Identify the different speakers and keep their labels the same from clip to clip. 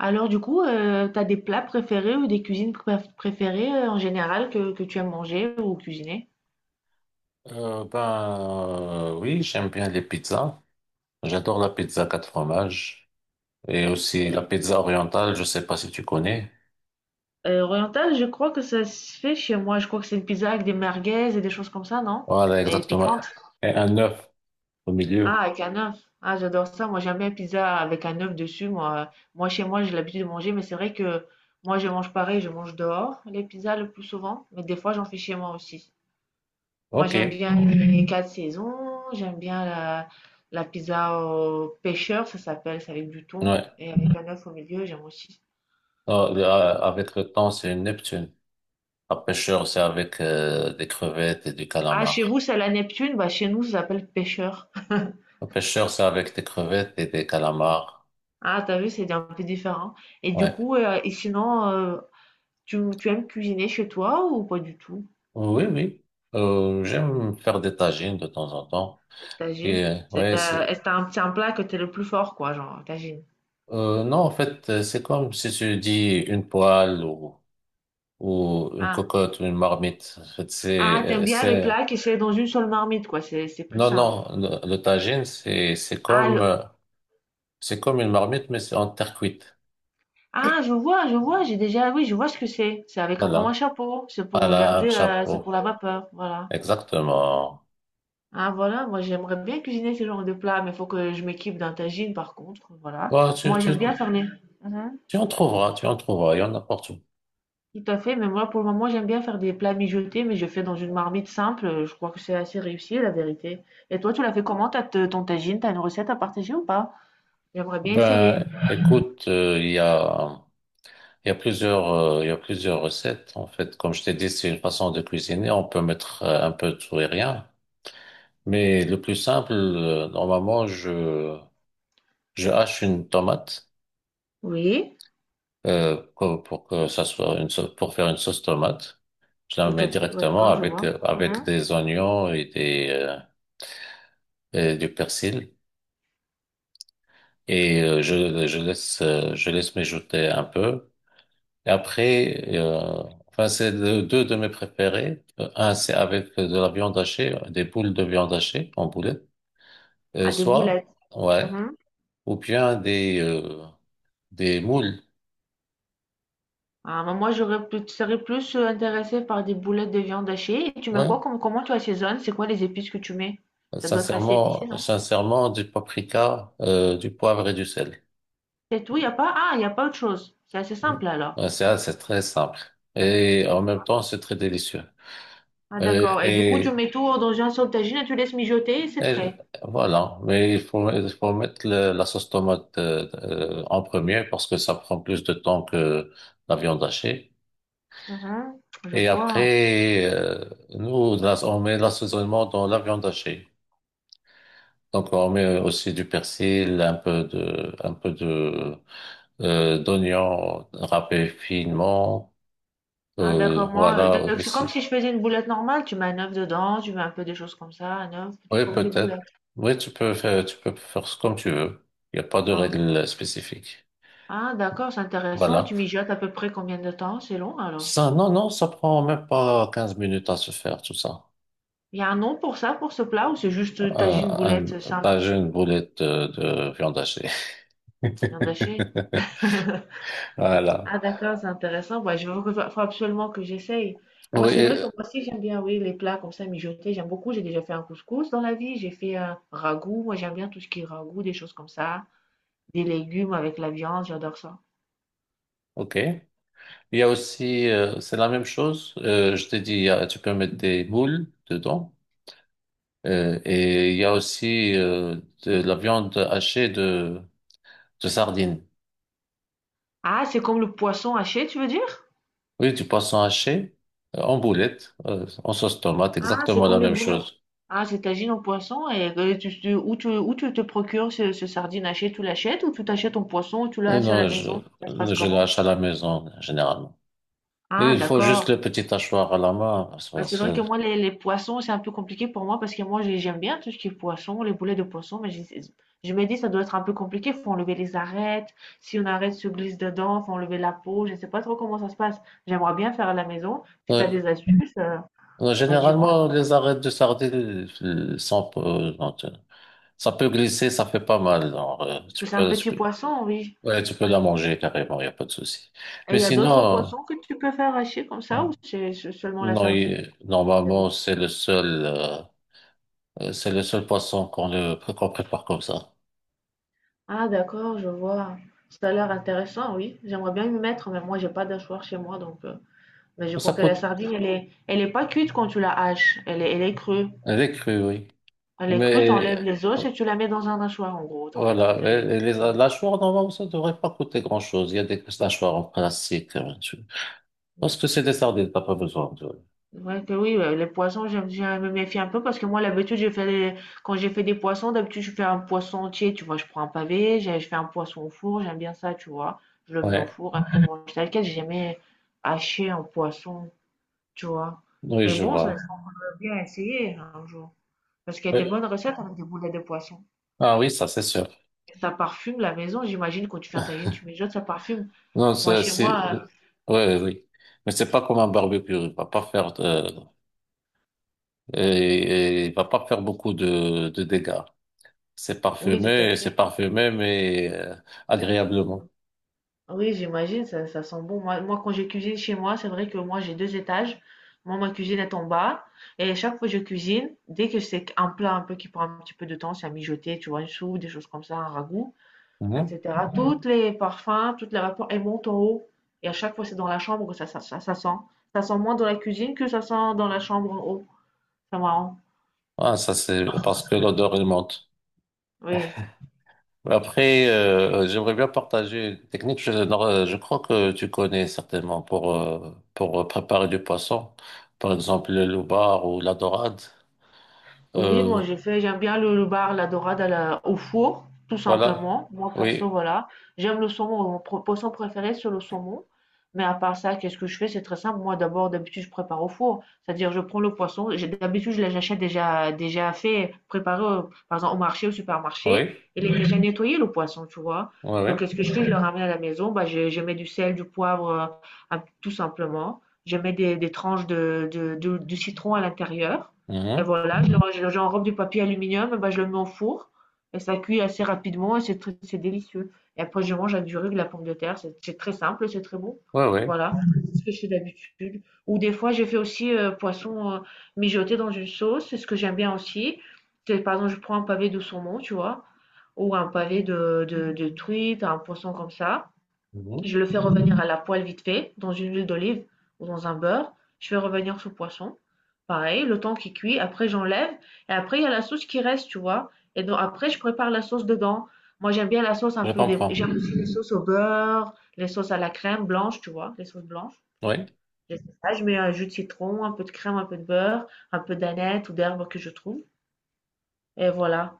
Speaker 1: Alors du coup, t'as des plats préférés ou des cuisines préférées en général que tu aimes manger ou cuisiner?
Speaker 2: Oui, j'aime bien les pizzas. J'adore la pizza quatre fromages et aussi la pizza orientale, je sais pas si tu connais.
Speaker 1: Oriental, je crois que ça se fait chez moi. Je crois que c'est une pizza avec des merguez et des choses comme ça, non?
Speaker 2: Voilà,
Speaker 1: Et
Speaker 2: exactement.
Speaker 1: piquante.
Speaker 2: Et un œuf au
Speaker 1: Ah,
Speaker 2: milieu.
Speaker 1: avec un œuf. Ah, j'adore ça. Moi, j'aime bien la pizza avec un œuf dessus. Moi, chez moi, j'ai l'habitude de manger, mais c'est vrai que moi, je mange pareil. Je mange dehors les pizzas le plus souvent, mais des fois, j'en fais chez moi aussi. Moi,
Speaker 2: OK.
Speaker 1: j'aime
Speaker 2: Ouais.
Speaker 1: bien les Mhm. quatre saisons. J'aime bien la pizza au pêcheur, ça s'appelle, c'est avec du thon et avec un œuf au milieu, j'aime aussi.
Speaker 2: Avec le temps, c'est une Neptune. La pêcheur, c'est avec des crevettes et du
Speaker 1: Ah, chez vous,
Speaker 2: calamar.
Speaker 1: c'est la Neptune, bah chez nous, ça s'appelle pêcheur.
Speaker 2: La pêcheur, c'est avec des crevettes et des calamars.
Speaker 1: Ah, t'as vu, c'est un peu différent. Et du
Speaker 2: Ouais.
Speaker 1: coup, et sinon, tu aimes cuisiner chez toi ou pas du tout?
Speaker 2: Oui, oui. J'aime faire des tagines de temps en temps.
Speaker 1: Les Tagines?
Speaker 2: Et ouais, c'est
Speaker 1: Est-ce que t'as un petit un plat que t'es le plus fort, quoi, genre, tagine?
Speaker 2: Non, en fait, c'est comme si tu dis une poêle ou une
Speaker 1: Ah,
Speaker 2: cocotte ou une marmite. En fait,
Speaker 1: ah t'aimes bien les
Speaker 2: c'est,
Speaker 1: plats qui sont dans une seule marmite, quoi, c'est plus
Speaker 2: Non,
Speaker 1: simple.
Speaker 2: non, le tagine, c'est comme,
Speaker 1: Ah,
Speaker 2: c'est comme une marmite, mais c'est en terre cuite.
Speaker 1: Ah, je vois, j'ai déjà, oui, je vois ce que c'est. C'est avec un, comme un
Speaker 2: Voilà.
Speaker 1: chapeau. C'est pour
Speaker 2: Voilà, un
Speaker 1: regarder, c'est pour
Speaker 2: chapeau.
Speaker 1: la vapeur, voilà.
Speaker 2: Exactement.
Speaker 1: Ah, voilà, moi j'aimerais bien cuisiner ce genre de plat, mais il faut que je m'équipe d'un tagine par contre, voilà.
Speaker 2: Bon, tu,
Speaker 1: Moi
Speaker 2: tu,
Speaker 1: j'aime bien faire les. Mhm.
Speaker 2: Tu en trouveras, tu en trouveras, il y en a partout.
Speaker 1: Tout à fait, mais moi pour le moment j'aime bien faire des plats mijotés, mais je fais dans une marmite simple. Je crois que c'est assez réussi la vérité. Et toi, tu l'as fait comment, ton tagine? T'as une recette à partager ou pas? J'aimerais bien essayer.
Speaker 2: Écoute, il y a, il y a plusieurs recettes. En fait, comme je t'ai dit, c'est une façon de cuisiner. On peut mettre un peu de tout et rien. Mais le plus simple, normalement, je hache une tomate
Speaker 1: Oui,
Speaker 2: pour que ça soit une sauce, pour faire une sauce tomate. Je la
Speaker 1: tout
Speaker 2: mets
Speaker 1: à fait, ouais,
Speaker 2: directement
Speaker 1: d'accord, je
Speaker 2: avec
Speaker 1: vois.
Speaker 2: avec
Speaker 1: Mhm.
Speaker 2: des oignons et des et du persil et je laisse mijoter un peu. Et après, euh, enfin c'est deux de mes préférés. Un c'est avec de la viande hachée, des boules de viande hachée en boulet, Euh,
Speaker 1: Ah, des boulettes.
Speaker 2: soit ouais,
Speaker 1: Mhm.
Speaker 2: ou bien des moules.
Speaker 1: Ah, bah, moi, j'aurais plus, tu serais plus intéressée par des boulettes de viande hachée. Et tu mets quoi
Speaker 2: Ouais.
Speaker 1: comme, comment tu assaisonnes? C'est quoi les épices que tu mets? Ça doit être assez épicé,
Speaker 2: Sincèrement,
Speaker 1: non?
Speaker 2: sincèrement, du paprika, du poivre et du sel.
Speaker 1: C'est tout, il a pas, ah, y a pas autre chose. C'est assez
Speaker 2: Mm.
Speaker 1: simple alors.
Speaker 2: Ouais, C'est ah, c'est très simple. Et en même temps, c'est très délicieux.
Speaker 1: Ah,
Speaker 2: Euh,
Speaker 1: d'accord. Et du coup, tu
Speaker 2: Et,
Speaker 1: mets tout dans un saut tagine et tu laisses mijoter et c'est
Speaker 2: et
Speaker 1: prêt.
Speaker 2: voilà. Mais il faut mettre la sauce tomate en premier parce que ça prend plus de temps que la viande hachée.
Speaker 1: Mhm. Je
Speaker 2: Et
Speaker 1: vois.
Speaker 2: après, euh, Nous, on met l'assaisonnement dans la viande hachée. Donc, on met aussi du persil, un peu de d'oignons râpés finement.
Speaker 1: Ah, d'accord, moi,
Speaker 2: Voilà
Speaker 1: donc c'est comme
Speaker 2: aussi.
Speaker 1: si je faisais une boulette normale. Tu mets un œuf dedans, tu mets un peu des choses comme ça, un œuf, tu
Speaker 2: Oui,
Speaker 1: formes les boulettes.
Speaker 2: peut-être. Oui, tu peux faire ce comme tu veux. Il n'y a pas de
Speaker 1: Ah,
Speaker 2: règle spécifique.
Speaker 1: Ah, d'accord, c'est intéressant. Et
Speaker 2: Voilà.
Speaker 1: tu mijotes à peu près combien de temps? C'est long alors?
Speaker 2: Ça, non, non, ça prend même pas 15 minutes à se faire, tout ça.
Speaker 1: Il y a un nom pour ça, pour ce plat, ou c'est juste tagine boulette
Speaker 2: Un,
Speaker 1: simple,
Speaker 2: pas une boulette de viande hachée.
Speaker 1: viande hachée?
Speaker 2: Voilà.
Speaker 1: Ah d'accord, c'est intéressant. Ouais, je faut absolument que j'essaye. Moi,
Speaker 2: Oui,
Speaker 1: c'est vrai que
Speaker 2: euh,
Speaker 1: moi aussi, j'aime bien, oui, les plats comme ça mijotés. J'aime beaucoup. J'ai déjà fait un couscous dans la vie. J'ai fait un ragoût. Moi, j'aime bien tout ce qui est ragoût, des choses comme ça. Des légumes avec la viande, j'adore ça.
Speaker 2: ok. Il y a aussi, c'est la même chose. Je t'ai dit, tu peux mettre des moules dedans. Et il y a aussi de la viande hachée de sardines.
Speaker 1: Ah, c'est comme le poisson haché, tu veux dire?
Speaker 2: Oui, du poisson haché en boulette, en sauce tomate,
Speaker 1: Ah, c'est
Speaker 2: exactement la
Speaker 1: comme le
Speaker 2: même
Speaker 1: boulettes.
Speaker 2: chose.
Speaker 1: Ah, c'est tagine au poisson et où où tu te procures ce sardine haché, tu l'achètes ou tu t'achètes ton poisson, ou tu
Speaker 2: Euh,
Speaker 1: l'as à la
Speaker 2: non, je,
Speaker 1: maison, ça se passe
Speaker 2: euh, je le
Speaker 1: comment?
Speaker 2: hache à la maison, généralement. Et
Speaker 1: Ah,
Speaker 2: il faut juste
Speaker 1: d'accord.
Speaker 2: le petit hachoir à la main. Parce
Speaker 1: Bah,
Speaker 2: que
Speaker 1: c'est vrai que moi, les poissons, c'est un peu compliqué pour moi parce que moi, j'aime bien tout ce qui est poisson, les boulets de poisson, mais je me dis, ça doit être un peu compliqué. Faut enlever les arêtes. Si on arrête, se glisse dedans, faut enlever la peau. Je sais pas trop comment ça se passe. J'aimerais bien faire à la maison. Si tu as
Speaker 2: Euh,
Speaker 1: des astuces, bah, dis-moi.
Speaker 2: généralement, les arêtes de sardines sont, non, ça peut glisser, ça fait pas mal. Genre,
Speaker 1: Parce que c'est un
Speaker 2: tu
Speaker 1: petit
Speaker 2: peux,
Speaker 1: poisson, oui.
Speaker 2: ouais, tu peux la manger carrément, il n'y a pas de souci.
Speaker 1: Et il
Speaker 2: Mais
Speaker 1: y a d'autres
Speaker 2: sinon...
Speaker 1: poissons que tu peux faire hacher comme ça ou c'est seulement la
Speaker 2: Non,
Speaker 1: sardine
Speaker 2: normalement,
Speaker 1: d'habitude?
Speaker 2: c'est le seul poisson qu'on prépare comme ça.
Speaker 1: Ah d'accord, je vois. Ça a l'air intéressant, oui. J'aimerais bien m'y mettre, mais moi j'ai pas d'achoir chez moi, donc. Mais je
Speaker 2: Ça
Speaker 1: crois que la
Speaker 2: coûte,
Speaker 1: sardine, elle est pas cuite quand tu la haches. Elle est crue.
Speaker 2: elle est crue, oui.
Speaker 1: Elle est crue,
Speaker 2: Mais,
Speaker 1: t'enlèves les os
Speaker 2: euh,
Speaker 1: et tu la mets dans un hachoir, en gros. T'enlèves
Speaker 2: voilà,
Speaker 1: toutes
Speaker 2: et les mâchoires, normalement, ça devrait pas coûter grand-chose. Il y a des mâchoires en plastique. Parce que c'est des sardines, t'as pas besoin de...
Speaker 1: ouais que oui, ouais, les poissons, j'aime, je me méfie un peu parce que moi, l'habitude, quand j'ai fait des poissons, d'habitude, je fais un poisson entier, tu vois, je prends un pavé, je fais un poisson au four, j'aime bien ça, tu vois, je le mets au
Speaker 2: Ouais,
Speaker 1: four, après, je mange tel quel, j'ai jamais haché un poisson, tu vois.
Speaker 2: oui,
Speaker 1: Mais
Speaker 2: je
Speaker 1: bon, ça
Speaker 2: vois.
Speaker 1: serait bien essayer hein, un jour. Parce qu'il y a des
Speaker 2: Oui.
Speaker 1: bonnes recettes avec des boulettes de poisson.
Speaker 2: Ah oui, ça, c'est sûr.
Speaker 1: Et ça parfume la maison, j'imagine, quand tu fais un tagine, tu mets ça parfume.
Speaker 2: Non,
Speaker 1: Moi, chez
Speaker 2: c'est,
Speaker 1: moi,
Speaker 2: ouais, Oui. Oui. Mais c'est pas comme un barbecue. Il va pas faire de, et, et il va pas faire beaucoup de dégâts.
Speaker 1: oui, tout à
Speaker 2: C'est
Speaker 1: fait.
Speaker 2: parfumé, mais agréablement.
Speaker 1: Oui, j'imagine, ça sent bon. Moi, moi, quand je cuisine chez moi, c'est vrai que moi, j'ai deux étages. Moi, ma cuisine est en bas. Et chaque fois que je cuisine, dès que c'est un plat un peu qui prend un petit peu de temps, c'est à mijoter, tu vois, une soupe, des choses comme ça, un ragoût,
Speaker 2: Mhm.
Speaker 1: etc. Mhm. Toutes les parfums, toutes les vapeurs, elles montent en haut. Et à chaque fois, c'est dans la chambre que ça sent. Ça sent moins dans la cuisine que ça sent dans la chambre en haut. C'est marrant.
Speaker 2: Ah, ça c'est parce que l'odeur elle monte.
Speaker 1: Oui.
Speaker 2: Après, j'aimerais bien partager une technique. Je, non, je crois que tu connais certainement pour préparer du poisson, par exemple le loubar ou la dorade.
Speaker 1: Oui,
Speaker 2: Euh,
Speaker 1: moi j'ai fait, j'aime bien le bar, la dorade à au four, tout
Speaker 2: voilà.
Speaker 1: simplement. Moi perso,
Speaker 2: Oui,
Speaker 1: voilà. J'aime le saumon, mon poisson préféré c'est le saumon. Mais à part ça, qu'est-ce que je fais? C'est très simple. Moi d'abord, d'habitude, je prépare au four. C'est-à-dire, je prends le poisson. D'habitude, je l'achète déjà, déjà fait, préparé, par exemple, au marché, au supermarché.
Speaker 2: oui,
Speaker 1: Il est déjà nettoyé, le poisson, tu vois.
Speaker 2: oui,
Speaker 1: Donc,
Speaker 2: oui,
Speaker 1: qu'est-ce que je fais? Je le ramène à la maison. Bah, je mets du sel, du poivre, tout simplement. Je mets des tranches du citron à l'intérieur. Et
Speaker 2: mhm,
Speaker 1: voilà, j'enrobe du papier aluminium, et ben, je le mets au four. Et ça cuit assez rapidement et c'est délicieux. Et après, je mange avec du riz, de la pomme de terre. C'est très simple, c'est très bon.
Speaker 2: oui, oui.
Speaker 1: Voilà, c'est ce que je fais d'habitude. Ou des fois, j'ai fait aussi poisson mijoté dans une sauce. C'est ce que j'aime bien aussi. C'est, par exemple, je prends un pavé de saumon, tu vois, ou un pavé de truite, un poisson comme ça.
Speaker 2: Mhm.
Speaker 1: Je le fais revenir à la poêle vite fait, dans une huile d'olive ou dans un beurre. Je fais revenir ce poisson. Pareil, le temps qu'il cuit. Après, j'enlève. Et après, il y a la sauce qui reste, tu vois. Et donc, après, je prépare la sauce dedans. Moi, j'aime bien la sauce un
Speaker 2: Je
Speaker 1: peu. Des...
Speaker 2: comprends.
Speaker 1: J'aime aussi les sauces au beurre, les sauces à la crème blanche, tu vois, les sauces blanches.
Speaker 2: Oui.
Speaker 1: Je fais ça, je mets un jus de citron, un peu de crème, un peu de beurre, un peu d'aneth ou d'herbe que je trouve. Et voilà.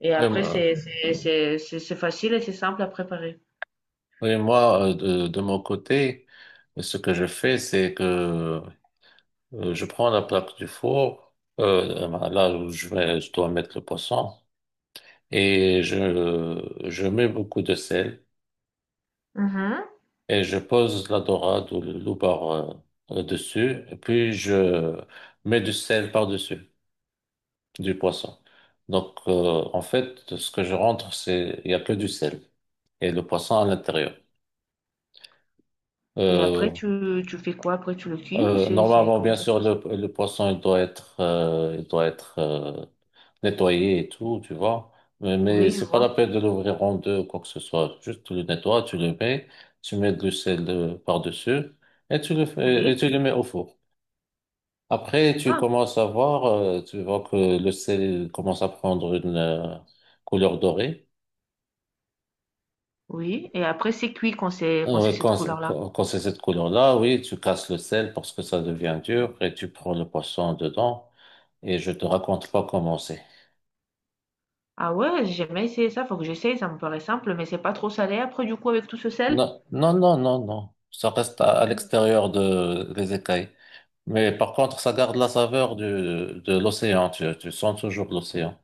Speaker 1: Et
Speaker 2: Et,
Speaker 1: après,
Speaker 2: moi,
Speaker 1: c'est facile et c'est simple à préparer.
Speaker 2: oui, Moi, de mon côté. Ce que je fais, c'est que je prends la plaque du four, voilà, là où je vais, je dois mettre le poisson, et je mets beaucoup de sel,
Speaker 1: Mhm.
Speaker 2: et je pose la dorade ou le loubar dessus, et puis je mets du sel par-dessus, du poisson. Donc, en fait, ce que je rentre, c'est, il n'y a que du sel, et le poisson à l'intérieur.
Speaker 1: Et après,
Speaker 2: Euh,
Speaker 1: tu fais quoi? Après, tu le cuis ou c'est,
Speaker 2: Normalement,
Speaker 1: comment
Speaker 2: bien
Speaker 1: ça se
Speaker 2: sûr,
Speaker 1: passe?
Speaker 2: le poisson, il doit être nettoyé et tout, tu vois. Mais
Speaker 1: Oui, je
Speaker 2: c'est pas la
Speaker 1: vois.
Speaker 2: peine de l'ouvrir en deux ou quoi que ce soit. Juste, tu le nettoies, tu le mets, tu mets du sel par-dessus et tu le fais, et
Speaker 1: Oui.
Speaker 2: tu le mets au four. Après, tu
Speaker 1: Ah,
Speaker 2: commences à voir, tu vois que le sel commence à prendre une couleur dorée.
Speaker 1: oui. Et après, c'est cuit quand quand c'est cette couleur-là.
Speaker 2: Quand c'est cette couleur-là, oui, tu casses le sel parce que ça devient dur et tu prends le poisson dedans. Et je te raconte pas comment c'est.
Speaker 1: Ah ouais, j'ai jamais essayé ça. Faut que j'essaye. Ça me paraît simple, mais c'est pas trop salé après, du coup, avec tout ce sel?
Speaker 2: Non, non, non, non, non. Ça reste à
Speaker 1: Non.
Speaker 2: l'extérieur de, des écailles. Mais par contre, ça garde la saveur du, de l'océan. Tu sens toujours l'océan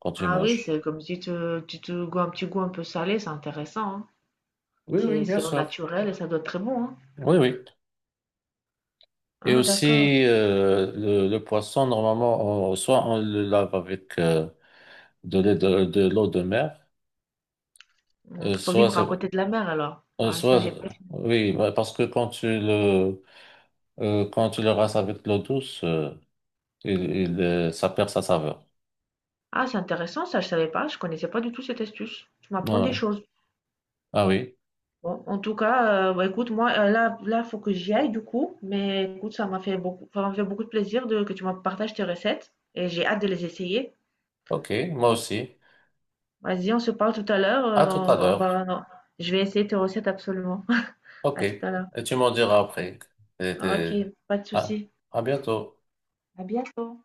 Speaker 2: quand tu
Speaker 1: Ah oui, c'est
Speaker 2: manges.
Speaker 1: comme si tu te goûtes un petit goût un peu salé. C'est intéressant, hein.
Speaker 2: Oui, oui, bien
Speaker 1: C'est au
Speaker 2: sûr.
Speaker 1: naturel et ça doit être très bon, hein.
Speaker 2: Oui, oui. Et
Speaker 1: Ah, d'accord.
Speaker 2: aussi, le poisson, normalement, soit on le lave avec de l'eau de mer,
Speaker 1: Mhm.
Speaker 2: euh,
Speaker 1: Faut
Speaker 2: soit,
Speaker 1: vivre à
Speaker 2: c'est-
Speaker 1: côté de la mer, alors.
Speaker 2: euh,
Speaker 1: Ouais, ça, j'ai
Speaker 2: soit,
Speaker 1: pas.
Speaker 2: oui, bah, parce que quand tu le rinces avec de l'eau douce, ça perd sa saveur.
Speaker 1: Ah, c'est intéressant. Ça, je savais pas. Je connaissais pas du tout cette astuce. Tu m'apprends des
Speaker 2: Ouais.
Speaker 1: choses.
Speaker 2: Ah oui,
Speaker 1: Bon, en tout cas, bah, écoute, moi, là, faut que j'y aille du coup. Mais écoute, ça m'a fait beaucoup de plaisir de, que tu m'as partagé tes recettes et j'ai hâte de les essayer.
Speaker 2: ok, moi aussi.
Speaker 1: Vas-y, on se parle tout à l'heure.
Speaker 2: À tout à l'heure.
Speaker 1: Non, je vais essayer tes recettes absolument.
Speaker 2: Ok,
Speaker 1: À tout à l'heure.
Speaker 2: et tu m'en diras après. T'es-
Speaker 1: Ah, Ok,
Speaker 2: t'es-
Speaker 1: pas de
Speaker 2: Ah,
Speaker 1: souci.
Speaker 2: à bientôt.
Speaker 1: À bientôt.